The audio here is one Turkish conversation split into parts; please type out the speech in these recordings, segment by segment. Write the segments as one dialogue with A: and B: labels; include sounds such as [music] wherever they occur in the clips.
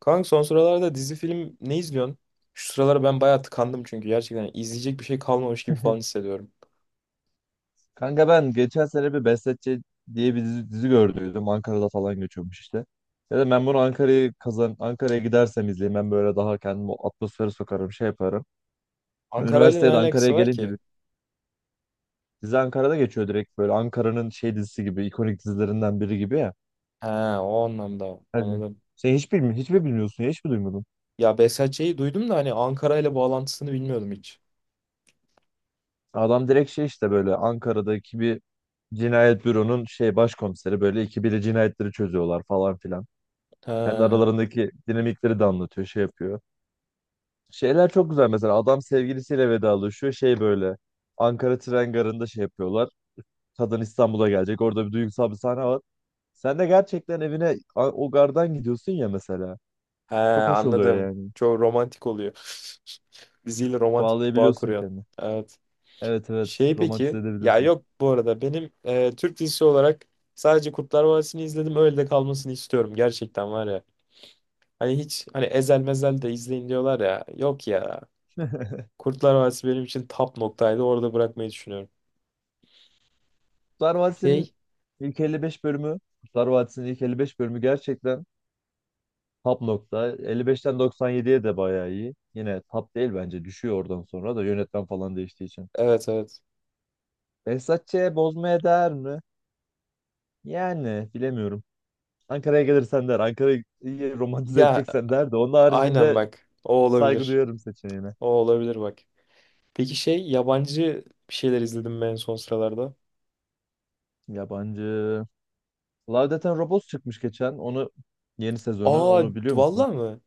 A: Kanka son sıralarda dizi film ne izliyorsun? Şu sıralar ben bayağı tıkandım çünkü gerçekten izleyecek bir şey kalmamış gibi falan
B: [laughs]
A: hissediyorum.
B: Kanka ben geçen sene bir Besletçe diye bir dizi gördüydüm. Ankara'da falan geçiyormuş işte. Dedim ben bunu Ankara'yı kazan Ankara'ya gidersem izleyeyim. Ben böyle daha kendimi o atmosfere sokarım, şey yaparım.
A: Ankara ile ne
B: Üniversitede Ankara'ya
A: alakası var
B: gelince
A: ki?
B: bir dizi Ankara'da geçiyor, direkt böyle Ankara'nın şey dizisi gibi, ikonik dizilerinden biri gibi ya.
A: He, o anlamda
B: Hadi.
A: anladım.
B: Sen hiç mi bilmiyorsun ya, hiç mi duymadın?
A: Ya Behzatçı'yı duydum da hani Ankara ile bağlantısını bilmiyordum hiç.
B: Adam direkt şey işte böyle Ankara'daki bir cinayet büronun şey başkomiseri, böyle ikibiri cinayetleri çözüyorlar falan filan.
A: He,
B: Kendi aralarındaki dinamikleri de anlatıyor, şey yapıyor. Şeyler çok güzel, mesela adam sevgilisiyle vedalaşıyor. Şey böyle Ankara tren garında şey yapıyorlar. Kadın İstanbul'a gelecek. Orada bir duygusal bir sahne var. Sen de gerçekten evine o gardan gidiyorsun ya mesela.
A: he,
B: Çok hoş oluyor
A: anladım.
B: yani.
A: Çok romantik oluyor. [laughs] Diziyle romantik bir bağ
B: Bağlayabiliyorsun
A: kuruyorsun.
B: kendini.
A: Evet.
B: Evet, evet, romantize
A: Peki ya,
B: edebiliyorsun.
A: yok, bu arada benim Türk dizisi olarak sadece Kurtlar Vadisi'ni izledim, öyle de kalmasını istiyorum gerçekten var ya. Hani hiç, hani ezel mezel de izleyin diyorlar ya. Yok ya. Kurtlar Vadisi benim için top noktaydı. Orada bırakmayı düşünüyorum.
B: Kurtlar Vadisi'nin
A: Şey
B: ilk 55 bölümü, Kurtlar Vadisi'nin ilk 55 bölümü gerçekten top nokta. 55'ten 97'ye de bayağı iyi. Yine top değil bence, düşüyor oradan sonra da yönetmen falan değiştiği için.
A: Evet, evet.
B: Behzatçı'ya bozmaya değer mi? Yani bilemiyorum. Ankara'ya gelirsen der, Ankara'yı iyi romantize
A: Ya
B: edeceksen der, de onun
A: aynen
B: haricinde
A: bak. O
B: saygı
A: olabilir.
B: duyarım seçeneğine.
A: O olabilir bak. Peki şey yabancı bir şeyler izledim ben son sıralarda.
B: Yabancı. Love, Death and Robots çıkmış geçen. Onu, yeni sezonu,
A: Aa,
B: onu biliyor musun?
A: vallahi mı?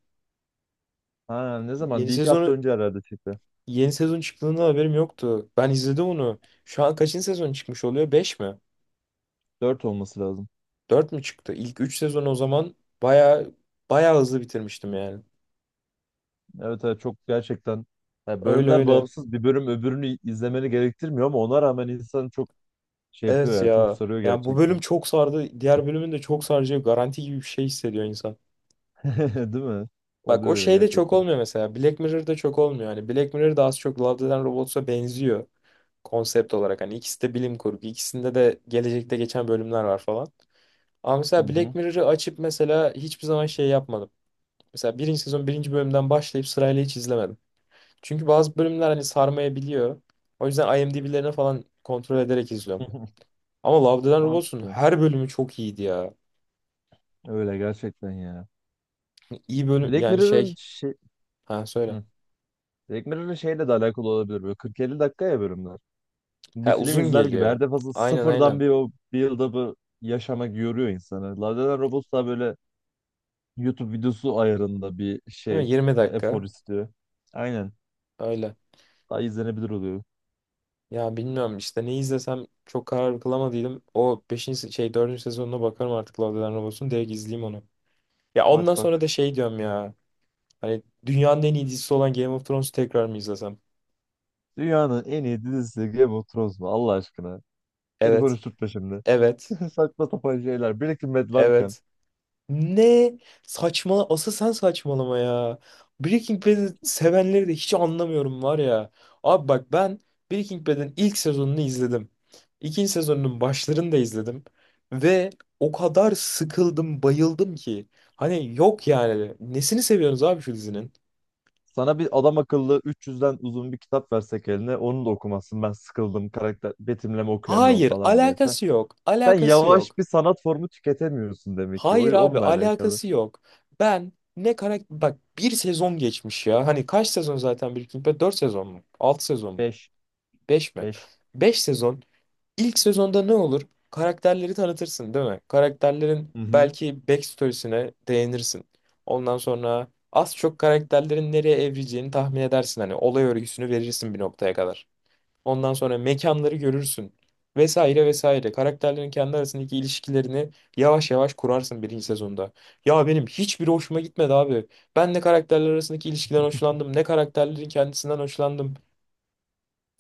B: Ha, ne zaman?
A: Yeni
B: Bir iki hafta
A: sezonu,
B: önce herhalde çıktı.
A: yeni sezon çıktığında haberim yoktu. Ben izledim onu. Şu an kaçıncı sezon çıkmış oluyor? Beş mi?
B: Dört olması lazım.
A: Dört mü çıktı? İlk üç sezon o zaman baya baya hızlı bitirmiştim yani.
B: Evet, evet, çok gerçekten ya,
A: Öyle
B: bölümler
A: öyle.
B: bağımsız, bir bölüm öbürünü izlemeni gerektirmiyor ama ona rağmen insan çok şey yapıyor
A: Evet
B: ya, çok
A: ya.
B: sarıyor
A: Yani bu bölüm
B: gerçekten.
A: çok sardı. Diğer bölümün de çok saracağı garanti gibi bir şey hissediyor insan.
B: [laughs] Değil mi?
A: Bak o
B: Oluyor öyle
A: şey de çok
B: gerçekten.
A: olmuyor mesela. Black Mirror'da çok olmuyor. Hani Black Mirror da az çok Love, Death and Robots'a benziyor. Konsept olarak hani ikisi de bilim kurgu. İkisinde de gelecekte geçen bölümler var falan. Ama
B: Hı
A: mesela Black
B: hı.
A: Mirror'ı açıp mesela hiçbir zaman şey yapmadım. Mesela birinci sezon birinci bölümden başlayıp sırayla hiç izlemedim. Çünkü bazı bölümler hani sarmayabiliyor. O yüzden IMDb'lerini falan kontrol ederek izliyorum.
B: [laughs]
A: Ama Love, Death and Robots'un
B: Mantıklı.
A: her bölümü çok iyiydi ya.
B: Öyle gerçekten ya.
A: İyi bölüm
B: Black
A: yani
B: Mirror'ın
A: şey.
B: şey.
A: Ha, söyle.
B: Hı. Black Mirror'ın şeyle de alakalı olabilir, böyle 40-50 dakika ya bölümler.
A: Ha,
B: Bir film
A: uzun
B: izler gibi
A: geliyor.
B: her defasında
A: Aynen,
B: sıfırdan
A: aynen.
B: bir o bir yılda bu yaşamak yoruyor insanı. Love Death and Robots daha böyle YouTube videosu ayarında bir
A: Değil
B: şey,
A: mi? Yirmi dakika.
B: efor istiyor. Aynen.
A: Öyle.
B: Daha izlenebilir oluyor.
A: Ya bilmiyorum işte ne izlesem çok karar kılamadıydım. O 5. şey dördüncü sezonuna bakarım artık Love, Death and Robots'un. Direkt izleyeyim onu. Ya ondan
B: Bak
A: sonra
B: bak.
A: da şey diyorum ya. Hani dünyanın en iyi dizisi olan Game of Thrones'u tekrar mı izlesem?
B: Dünyanın en iyi dizisi Game of Thrones mu? Allah aşkına. Beni
A: Evet.
B: konuşturtma şimdi. [laughs]
A: Evet.
B: Saçma sapan şeyler. Breaking Bad varken
A: Evet. Ne saçma, asıl sen saçmalama ya. Breaking Bad'i sevenleri de hiç anlamıyorum var ya. Abi bak, ben Breaking Bad'in ilk sezonunu izledim. İkinci sezonunun başlarını da izledim. Ve o kadar sıkıldım, bayıldım ki. Hani yok yani. Nesini seviyorsunuz abi şu dizinin?
B: sana bir adam akıllı 300'den uzun bir kitap versek eline onu da okumazsın. Ben sıkıldım, karakter betimleme okuyamıyorum
A: Hayır,
B: falan diyese.
A: alakası yok.
B: Sen
A: Alakası yok.
B: yavaş bir sanat formu tüketemiyorsun demek ki. O
A: Hayır abi,
B: onunla alakalı.
A: alakası yok. Ben ne karakter... Bak, bir sezon geçmiş ya. Hani kaç sezon zaten Breaking Bad? Dört sezon mu? 6 sezon mu?
B: Beş,
A: 5 mi?
B: beş.
A: 5 sezon. İlk sezonda ne olur? Karakterleri tanıtırsın, değil mi? Karakterlerin
B: Hı hı.
A: belki backstory'sine değinirsin. Ondan sonra az çok karakterlerin nereye evrileceğini tahmin edersin. Hani olay örgüsünü verirsin bir noktaya kadar. Ondan sonra mekanları görürsün. Vesaire vesaire. Karakterlerin kendi arasındaki ilişkilerini yavaş yavaş kurarsın birinci sezonda. Ya benim hiçbiri hoşuma gitmedi abi. Ben ne karakterler arasındaki ilişkiden hoşlandım, ne karakterlerin kendisinden hoşlandım.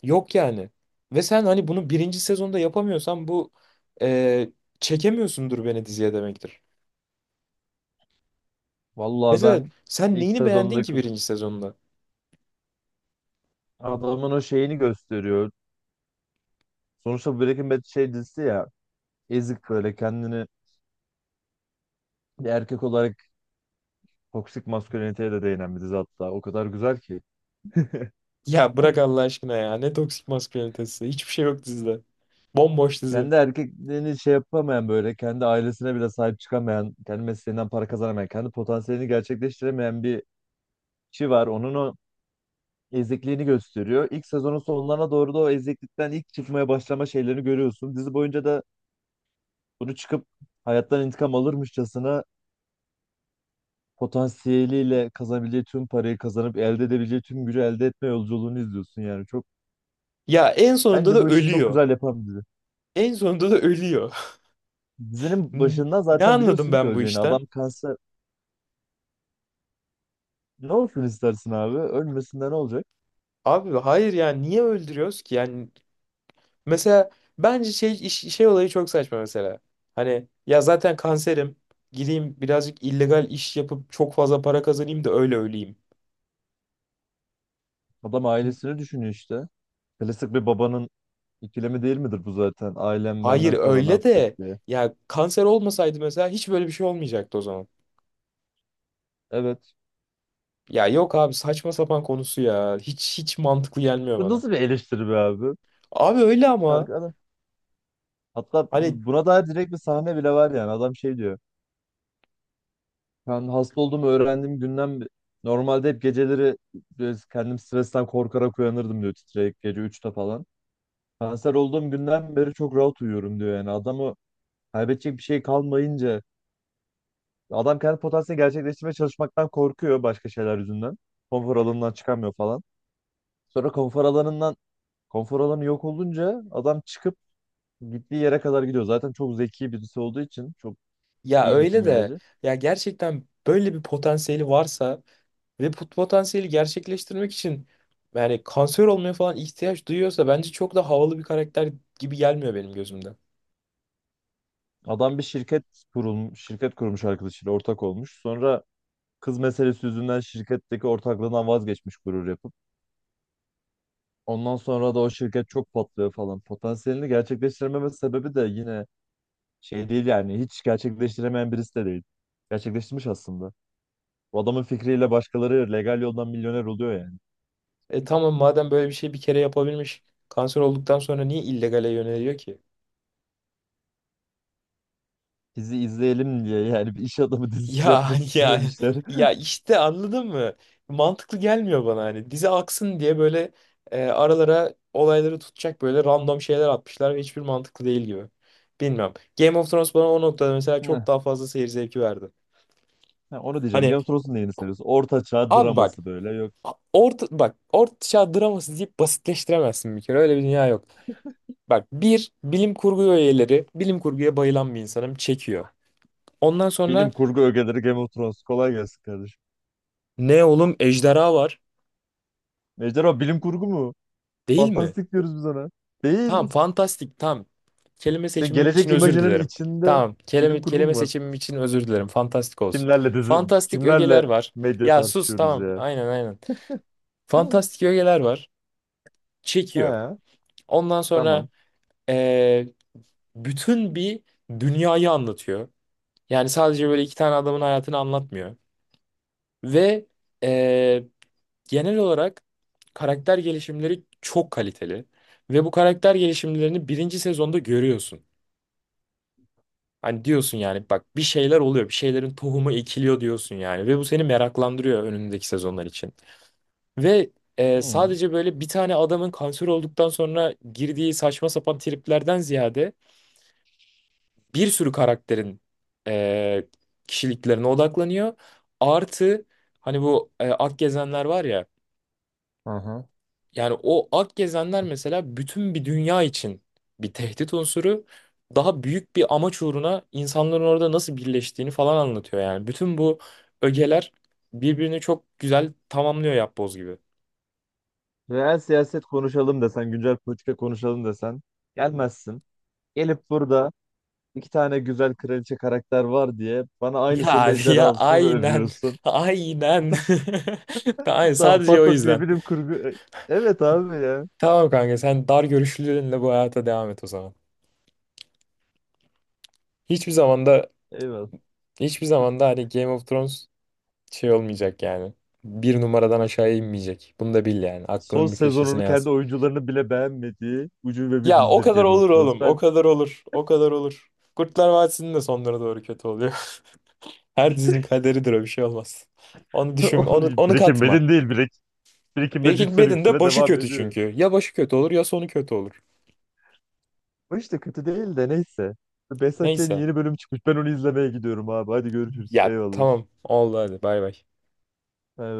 A: Yok yani. Ve sen hani bunu birinci sezonda yapamıyorsan bu e, çekemiyorsundur beni diziye demektir.
B: Vallahi
A: Mesela
B: ben
A: sen
B: ilk
A: neyini beğendin ki
B: sezondaki
A: birinci sezonda?
B: adamın o şeyini gösteriyor. Sonuçta Breaking Bad şey dizisi ya. Ezik, böyle kendini, bir erkek olarak toksik masküliniteye de değinen bir dizi hatta. O kadar güzel ki.
A: Ya bırak Allah aşkına ya. Ne toksik maskülinitesi. Hiçbir şey yok dizide. Bomboş dizi.
B: Kendi erkekliğini şey yapamayan, böyle kendi ailesine bile sahip çıkamayan, kendi mesleğinden para kazanamayan, kendi potansiyelini gerçekleştiremeyen bir kişi var. Onun o ezikliğini gösteriyor. İlk sezonun sonlarına doğru da o eziklikten ilk çıkmaya başlama şeylerini görüyorsun. Dizi boyunca da bunu çıkıp hayattan intikam alırmışçasına potansiyeliyle kazanabileceği tüm parayı kazanıp elde edebileceği tüm gücü elde etme yolculuğunu izliyorsun yani. Çok.
A: Ya en sonunda da
B: Bence bu işi çok
A: ölüyor.
B: güzel yapan bir dizi.
A: En sonunda da ölüyor.
B: Dizinin başından
A: [laughs] Ne
B: zaten
A: anladım
B: biliyorsun ki
A: ben bu
B: öleceğini.
A: işten?
B: Adam kanser. Ne olsun istersin abi? Ölmesinde ne olacak?
A: Abi hayır ya, niye öldürüyoruz ki? Yani, mesela, bence olayı çok saçma mesela. Hani ya zaten kanserim, gideyim birazcık illegal iş yapıp çok fazla para kazanayım da öyle öleyim.
B: Adam ailesini düşünüyor işte. Klasik bir babanın ikilemi değil midir bu zaten? Ailem
A: Hayır
B: benden sonra ne
A: öyle
B: yapacak
A: de,
B: diye.
A: ya, kanser olmasaydı mesela hiç böyle bir şey olmayacaktı o zaman.
B: Evet.
A: Ya yok abi, saçma sapan konusu ya. Hiç, hiç mantıklı gelmiyor
B: Bu
A: bana.
B: nasıl bir eleştiri be abi?
A: Abi öyle ama
B: Kanka hatta
A: hani.
B: buna dair direkt bir sahne bile var yani. Adam şey diyor. Ben hasta olduğumu öğrendiğim günden normalde hep geceleri böyle kendim stresten korkarak uyanırdım diyor, titreyip gece 3'te falan. Kanser olduğum günden beri çok rahat uyuyorum diyor yani. Adam, kaybedecek bir şey kalmayınca adam kendi potansiyelini gerçekleştirmeye çalışmaktan korkuyor başka şeyler yüzünden. Konfor alanından çıkamıyor falan. Sonra konfor alanı yok olunca adam çıkıp gittiği yere kadar gidiyor. Zaten çok zeki birisi olduğu için çok
A: Ya
B: iyi bir
A: öyle de,
B: kimyacı.
A: ya gerçekten böyle bir potansiyeli varsa ve bu potansiyeli gerçekleştirmek için, yani kanser olmaya falan ihtiyaç duyuyorsa, bence çok da havalı bir karakter gibi gelmiyor benim gözümde.
B: Adam bir şirket kurmuş, arkadaşıyla ortak olmuş. Sonra kız meselesi yüzünden şirketteki ortaklığından vazgeçmiş gurur yapıp. Ondan sonra da o şirket çok patlıyor falan. Potansiyelini gerçekleştirememe sebebi de yine şey değil yani, hiç gerçekleştiremeyen birisi de değil. Gerçekleştirmiş aslında. Bu adamın fikriyle başkaları legal yoldan milyoner oluyor yani.
A: E tamam, madem böyle bir şey bir kere yapabilmiş, kanser olduktan sonra niye illegale yöneliyor ki?
B: Bizi izleyelim diye yani, bir iş adamı [laughs] dizisi
A: Ya
B: yapmak
A: [laughs] ya,
B: istememişler.
A: ya
B: [laughs]
A: işte, anladın mı? Mantıklı gelmiyor bana hani. Dizi aksın diye böyle aralara olayları tutacak böyle random şeyler atmışlar ve hiçbir mantıklı değil gibi. Bilmem. Game of Thrones bana o noktada mesela çok
B: Hı,
A: daha fazla seyir zevki verdi.
B: ha, onu diyeceğim.
A: Hani
B: Game of Thrones'un neyini seviyorsun? Orta çağ
A: abi bak,
B: draması böyle. Yok.
A: orta çağ draması deyip basitleştiremezsin bir kere. Öyle bir dünya yok. Bak, bir bilim kurgu üyeleri, bilim kurguya bayılan bir insanım, çekiyor. Ondan sonra
B: Bilim kurgu ögeleri Game of Thrones. Kolay gelsin kardeşim.
A: ne oğlum, ejderha var
B: Ejderha bilim kurgu mu?
A: değil mi?
B: Fantastik diyoruz biz ona.
A: Tamam,
B: Değil.
A: fantastik, tamam. Kelime
B: Sen
A: seçimim için
B: gelecek
A: özür
B: imajının
A: dilerim.
B: içinde
A: Tamam, kelime,
B: bilim kurgu
A: kelime
B: mu var?
A: seçimim için özür dilerim. Fantastik olsun.
B: Kimlerle dizi,
A: Fantastik ögeler
B: kimlerle
A: var.
B: medya
A: Ya sus
B: tartışıyoruz
A: tamam,
B: ya?
A: aynen aynen. Fantastik ögeler var.
B: [laughs] He,
A: Çekiyor. Ondan sonra
B: tamam.
A: eee, bütün bir dünyayı anlatıyor. Yani sadece böyle iki tane adamın hayatını anlatmıyor. Ve eee, genel olarak karakter gelişimleri çok kaliteli. Ve bu karakter gelişimlerini birinci sezonda görüyorsun. Hani diyorsun yani, bak bir şeyler oluyor. Bir şeylerin tohumu ekiliyor diyorsun yani. Ve bu seni meraklandırıyor önündeki sezonlar için. Ve
B: Hı.
A: sadece böyle bir tane adamın kanser olduktan sonra girdiği saçma sapan triplerden ziyade bir sürü karakterin e, kişiliklerine odaklanıyor. Artı hani bu Ak Gezenler var ya.
B: Aha.
A: Yani o Ak Gezenler mesela bütün bir dünya için bir tehdit unsuru. Daha büyük bir amaç uğruna insanların orada nasıl birleştiğini falan anlatıyor yani. Bütün bu ögeler birbirini çok güzel tamamlıyor, yapboz gibi. [laughs]
B: Reel siyaset konuşalım desen, güncel politika konuşalım desen gelmezsin. Gelip burada iki tane güzel kraliçe karakter var diye bana aynısının
A: Ya ya
B: ejderhasını
A: aynen.
B: övüyorsun.
A: [laughs] Aynen. [laughs] Aynen,
B: [laughs] Tamam,
A: sadece o
B: fantasiye
A: yüzden.
B: bilim kurgu. Evet abi ya.
A: Tamam kanka, sen dar görüşlülerinle bu hayata devam et o zaman. Hiçbir zamanda
B: Eyvallah.
A: hiçbir zamanda hani Game of Thrones şey olmayacak yani. Bir numaradan aşağıya inmeyecek. Bunu da bil yani.
B: Son
A: Aklının bir köşesine
B: sezonunu
A: yaz.
B: kendi oyuncularını bile beğenmediği ucube bir
A: Ya o
B: dizidir
A: kadar
B: Game of
A: olur
B: Thrones.
A: oğlum. O
B: Ben
A: kadar olur. O kadar olur. Kurtlar Vadisi'nin de sonlara doğru kötü oluyor. [laughs] Her dizinin kaderidir, o bir şey olmaz. Onu
B: [laughs]
A: düşün, onu,
B: onu,
A: onu
B: Breaking
A: katma.
B: Bad'in değil, Breaking Bad
A: Breaking Bad'in de
B: yüksele
A: başı
B: devam
A: kötü
B: ediyor.
A: çünkü. Ya başı kötü olur ya sonu kötü olur.
B: Bu işte kötü değil de neyse. Behzat Ç'nin
A: Neyse.
B: yeni bölüm çıkmış. Ben onu izlemeye gidiyorum abi. Hadi görüşürüz.
A: Ya
B: Eyvallah.
A: tamam. Oldu, hadi bay bay.
B: Evet.